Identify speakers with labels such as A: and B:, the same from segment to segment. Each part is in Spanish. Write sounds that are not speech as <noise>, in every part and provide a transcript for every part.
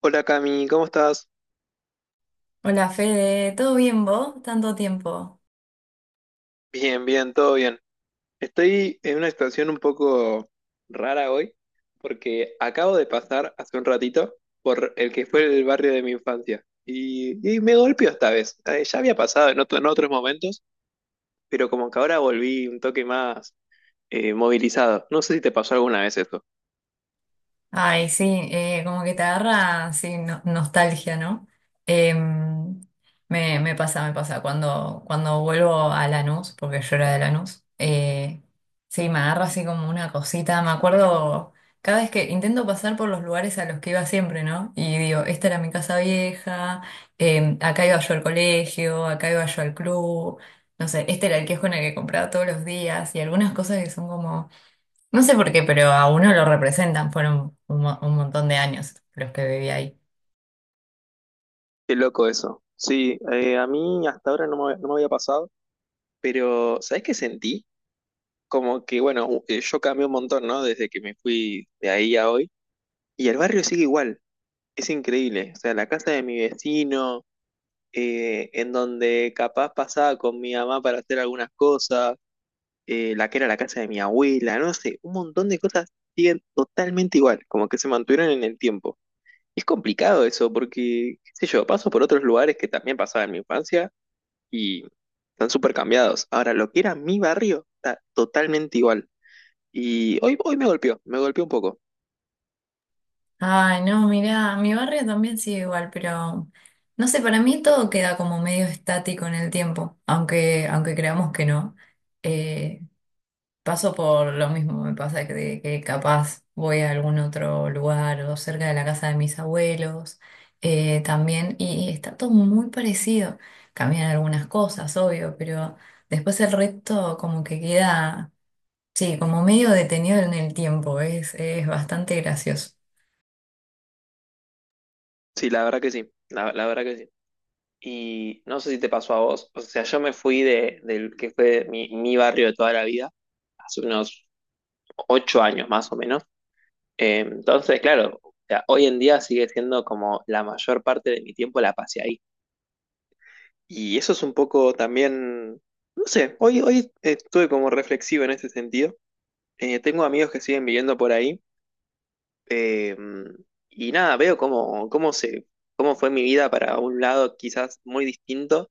A: Hola Cami, ¿cómo estás?
B: Hola Fede, ¿todo bien vos? Tanto tiempo.
A: Bien, bien, todo bien. Estoy en una situación un poco rara hoy porque acabo de pasar hace un ratito por el que fue el barrio de mi infancia y me golpeó esta vez. Ya había pasado en en otros momentos, pero como que ahora volví un toque más movilizado. No sé si te pasó alguna vez eso.
B: Ay, sí, como que te agarra, sí, nostalgia, ¿no? Em, me pasa, me pasa. Cuando vuelvo a Lanús, porque yo era de Lanús, sí, me agarra así como una cosita. Me acuerdo cada vez que intento pasar por los lugares a los que iba siempre, ¿no? Y digo, esta era mi casa vieja, acá iba yo al colegio, acá iba yo al club. No sé, este era el kiosco en el que compraba todos los días y algunas cosas que son como. No sé por qué, pero a uno lo representan. Fueron un montón de años los que viví ahí.
A: Qué loco eso. Sí, a mí hasta ahora no me había pasado, pero ¿sabés qué sentí? Como que, bueno, yo cambié un montón, ¿no? Desde que me fui de ahí a hoy. Y el barrio sigue igual, es increíble. O sea, la casa de mi vecino, en donde capaz pasaba con mi mamá para hacer algunas cosas, la que era la casa de mi abuela, no sé, un montón de cosas siguen totalmente igual, como que se mantuvieron en el tiempo. Es complicado eso, porque, qué sé yo, paso por otros lugares que también pasaba en mi infancia y están súper cambiados. Ahora, lo que era mi barrio está totalmente igual. Y hoy me golpeó un poco.
B: Ay, no, mirá, mi barrio también sigue igual, pero no sé, para mí todo queda como medio estático en el tiempo, aunque creamos que no. Eh, Paso por lo mismo, me pasa que, de que capaz voy a algún otro lugar o cerca de la casa de mis abuelos también, y está todo muy parecido. Cambian algunas cosas, obvio, pero después el resto como que queda. Sí, como medio detenido en el tiempo, es bastante gracioso.
A: Sí, la verdad que sí, la verdad que sí. Y no sé si te pasó a vos, o sea, yo me fui de, del que fue mi barrio de toda la vida, hace unos 8 años más o menos. Entonces, claro, o sea, hoy en día sigue siendo como la mayor parte de mi tiempo la pasé ahí. Y eso es un poco también, no sé, hoy estuve como reflexivo en ese sentido. Tengo amigos que siguen viviendo por ahí. eh, y nada, veo cómo fue mi vida para un lado quizás muy distinto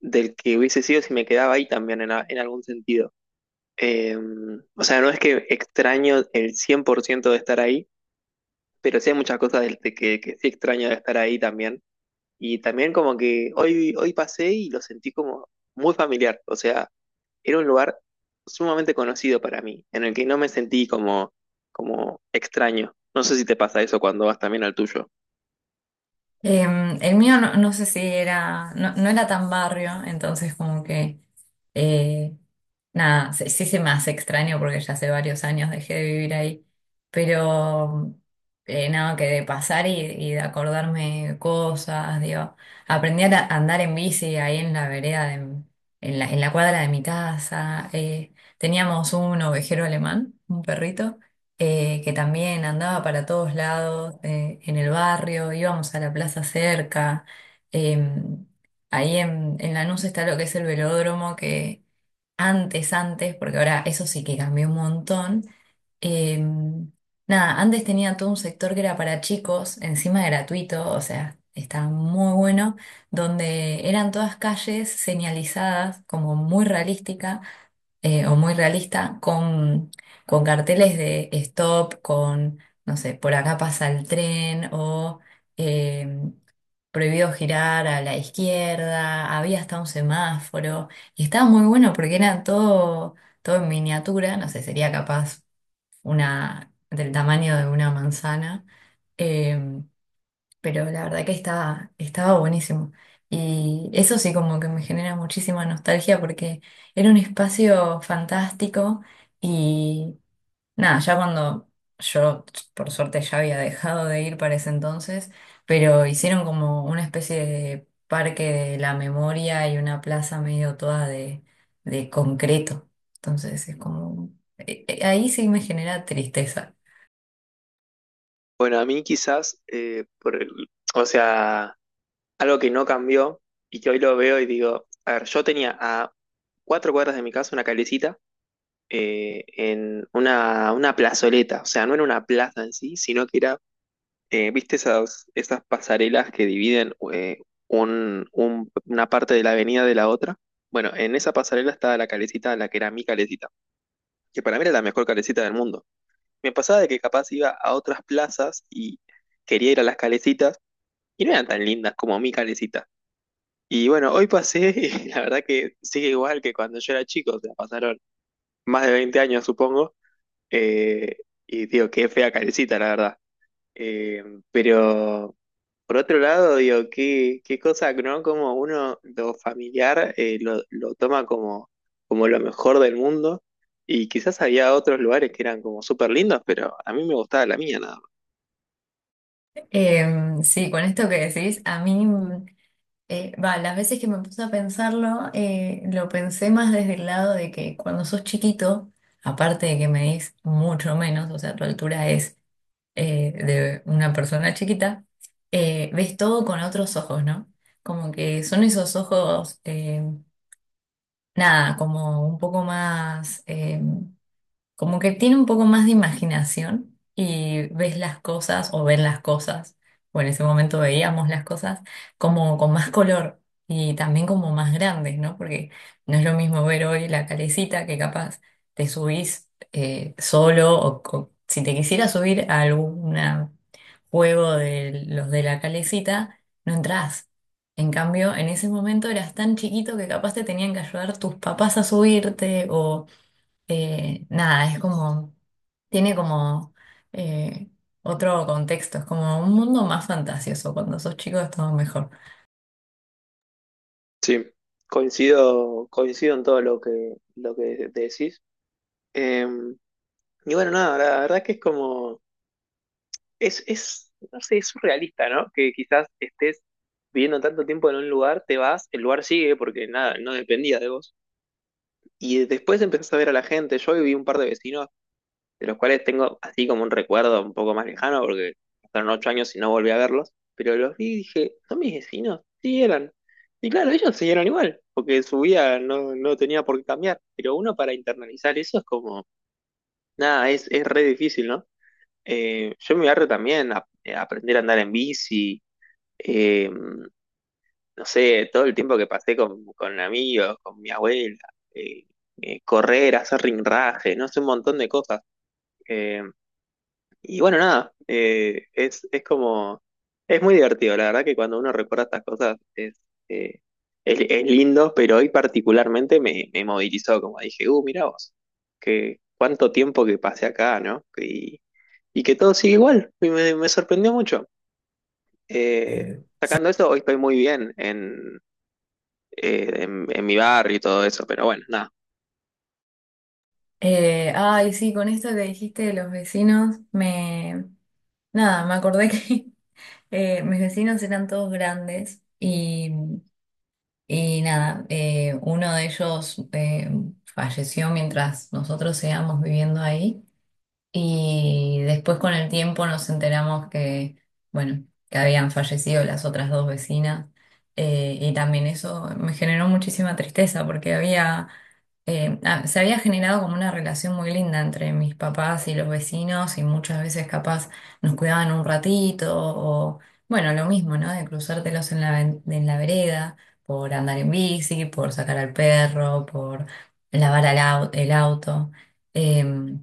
A: del que hubiese sido si me quedaba ahí también en algún sentido. Eh, o sea, no es que extraño el 100% de estar ahí, pero sí hay muchas cosas que sí extraño de estar ahí también. Y también como que hoy pasé y lo sentí como muy familiar. O sea, era un lugar sumamente conocido para mí, en el que no me sentí como extraño. No sé si te pasa eso cuando vas también al tuyo.
B: El mío no, no sé si era, no, no era tan barrio, entonces como que, eh, nada, sí, sí se me hace extraño porque ya hace varios años dejé de vivir ahí, pero nada, que de pasar y de acordarme cosas, digo, aprendí a andar en bici ahí en la vereda, en la cuadra de mi casa, teníamos un ovejero alemán, un perrito. Que también andaba para todos lados, en el barrio, íbamos a la plaza cerca. em, Ahí en Lanús está lo que es el velódromo, que antes, porque ahora eso sí que cambió un montón. em, Nada, antes tenía todo un sector que era para chicos, encima gratuito, o sea, estaba muy bueno, donde eran todas calles señalizadas, como muy realística o muy realista, con carteles de stop, con, no sé, por acá pasa el tren o eh, prohibido girar a la izquierda, había hasta un semáforo y estaba muy bueno porque era todo, todo en miniatura, no sé, sería capaz una del tamaño de una manzana. em, pero la verdad que estaba, estaba buenísimo. Y eso sí como que me genera muchísima nostalgia porque era un espacio fantástico y nada, ya cuando yo por suerte ya había dejado de ir para ese entonces, pero hicieron como una especie de parque de la memoria y una plaza medio toda de concreto. Entonces es como, ahí sí me genera tristeza.
A: Bueno, a mí quizás, por o sea... Algo que no cambió y que hoy lo veo y digo, a ver, yo tenía a 4 cuadras de mi casa una calecita en una plazoleta, o sea, no era una plaza en sí, sino que era, viste esas pasarelas que dividen una parte de la avenida de la otra. Bueno, en esa pasarela estaba la calecita, la que era mi calecita, que para mí era la mejor calecita del mundo. Me pasaba de que capaz iba a otras plazas y quería ir a las calecitas y no eran tan lindas como mi calecita. Y bueno, hoy pasé <laughs> y la verdad que sigue igual que cuando yo era chico, o sea, pasaron más de 20 años, supongo, eh, y digo, qué fea carecita, la verdad. Eh, pero por otro lado, digo, qué cosa, ¿no? Como uno lo familiar lo toma como lo mejor del mundo, y quizás había otros lugares que eran como súper lindos, pero a mí me gustaba la mía nada más.
B: Sí, con esto que decís, a mí... Va, las veces que me puse a pensarlo, lo pensé más desde el lado de que cuando sos chiquito, aparte de que medís mucho menos, o sea, tu altura es de una persona chiquita, ves todo con otros ojos, ¿no? Como que son esos ojos, nada, como un poco más como que tiene un poco más de imaginación y ves las cosas o ven las cosas, o en ese momento veíamos las cosas como con más color y también como más grandes, ¿no? Porque no es lo mismo ver hoy la calecita que capaz te subís solo o si te quisieras subir a algún juego de los de la calecita, no entrás. En cambio, en ese momento eras tan chiquito que capaz te tenían que ayudar tus papás a subirte o nada, es como, tiene como eh, otro contexto, es como un mundo más fantasioso. Cuando sos chico es todo mejor.
A: Sí, coincido, coincido en todo lo que decís. Em, Y bueno, nada, la verdad que es como, es, no sé, es surrealista, ¿no? Que quizás estés viviendo tanto tiempo en un lugar, te vas, el lugar sigue porque nada, no dependía de vos. Y después empezás a ver a la gente. Yo viví un par de vecinos, de los cuales tengo así como un recuerdo un poco más lejano, porque pasaron 8 años y no volví a verlos. Pero los vi y dije, ¿son mis vecinos? Sí, eran. Y claro, ellos siguieron igual, porque su vida no, no tenía por qué cambiar. Pero uno para internalizar eso es como, nada, es re difícil, ¿no? Yo en mi barrio también aprender a andar en bici, eh, no sé, todo el tiempo que pasé con amigos, con mi abuela, eh, correr, hacer ringraje, no sé, un montón de cosas. Eh, y bueno, nada, es como, es muy divertido, la verdad que cuando uno recuerda estas cosas es, eh, es lindo, pero hoy particularmente me, me movilizó, como dije, mirá vos, que cuánto tiempo que pasé acá, ¿no? Y que todo sigue igual, y me sorprendió mucho. Eh,
B: Eh,
A: Sacando eso, hoy estoy muy bien en mi barrio y todo eso, pero bueno, nada.
B: Ay, sí, con esto que dijiste de los vecinos, me... Nada, me acordé que <laughs> mis vecinos eran todos grandes y nada, uno de ellos falleció mientras nosotros íbamos viviendo ahí. Y después con el tiempo nos enteramos que, bueno, que habían fallecido las otras dos vecinas. Y también eso me generó muchísima tristeza porque había, se había generado como una relación muy linda entre mis papás y los vecinos y muchas veces capaz nos cuidaban un ratito o, bueno, lo mismo, ¿no? De cruzártelos en en la vereda por andar en bici, por sacar al perro, por lavar el auto. em,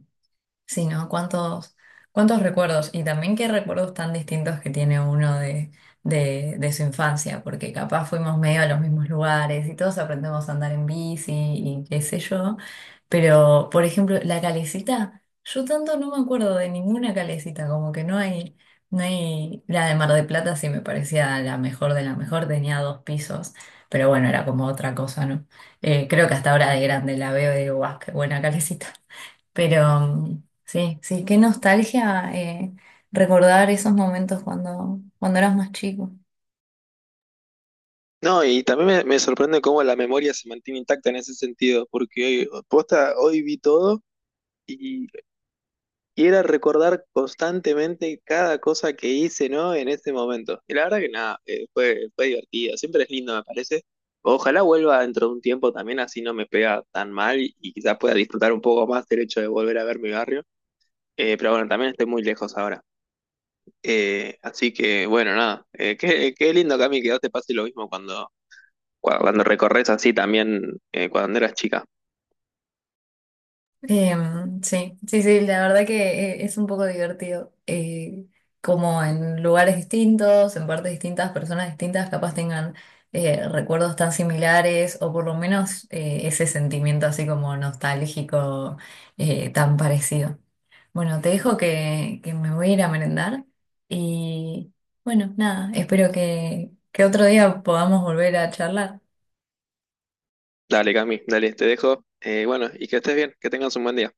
B: Sí, ¿no? ¿Cuántos, cuántos recuerdos? Y también qué recuerdos tan distintos que tiene uno de su infancia, porque capaz fuimos medio a los mismos lugares y todos aprendemos a andar en bici y qué sé yo. Pero, por ejemplo, la calecita, yo tanto no me acuerdo de ninguna calecita, como que no hay, no hay, la de Mar de Plata sí me parecía la mejor de la mejor, tenía dos pisos, pero bueno, era como otra cosa, ¿no? Creo que hasta ahora de grande la veo y digo, guau, qué buena calecita. Pero mm, sí, sí, qué nostalgia recordar esos momentos cuando, cuando eras más chico.
A: No, y también me sorprende cómo la memoria se mantiene intacta en ese sentido, porque hoy, posta, hoy vi todo y, y era recordar constantemente cada cosa que hice, ¿no? En ese momento. Y la verdad que nada, fue, fue divertido, siempre es lindo, me parece. Ojalá vuelva dentro de un tiempo también, así no me pega tan mal y quizás pueda disfrutar un poco más del hecho de volver a ver mi barrio. Pero bueno, también estoy muy lejos ahora. Así que, bueno, nada. Qué, qué lindo, Cami, que a vos te pase lo mismo cuando, cuando recorres así también cuando eras chica.
B: Sí, sí, sí, la verdad que es un poco divertido. Como en lugares distintos, en partes distintas, personas distintas, capaz tengan recuerdos tan similares o por lo menos ese sentimiento así como nostálgico tan parecido. Bueno, te dejo que me voy a ir a merendar y bueno, nada, espero que otro día podamos volver a charlar.
A: Dale, Cami, dale, te dejo. Bueno, y que estés bien, que tengas un buen día.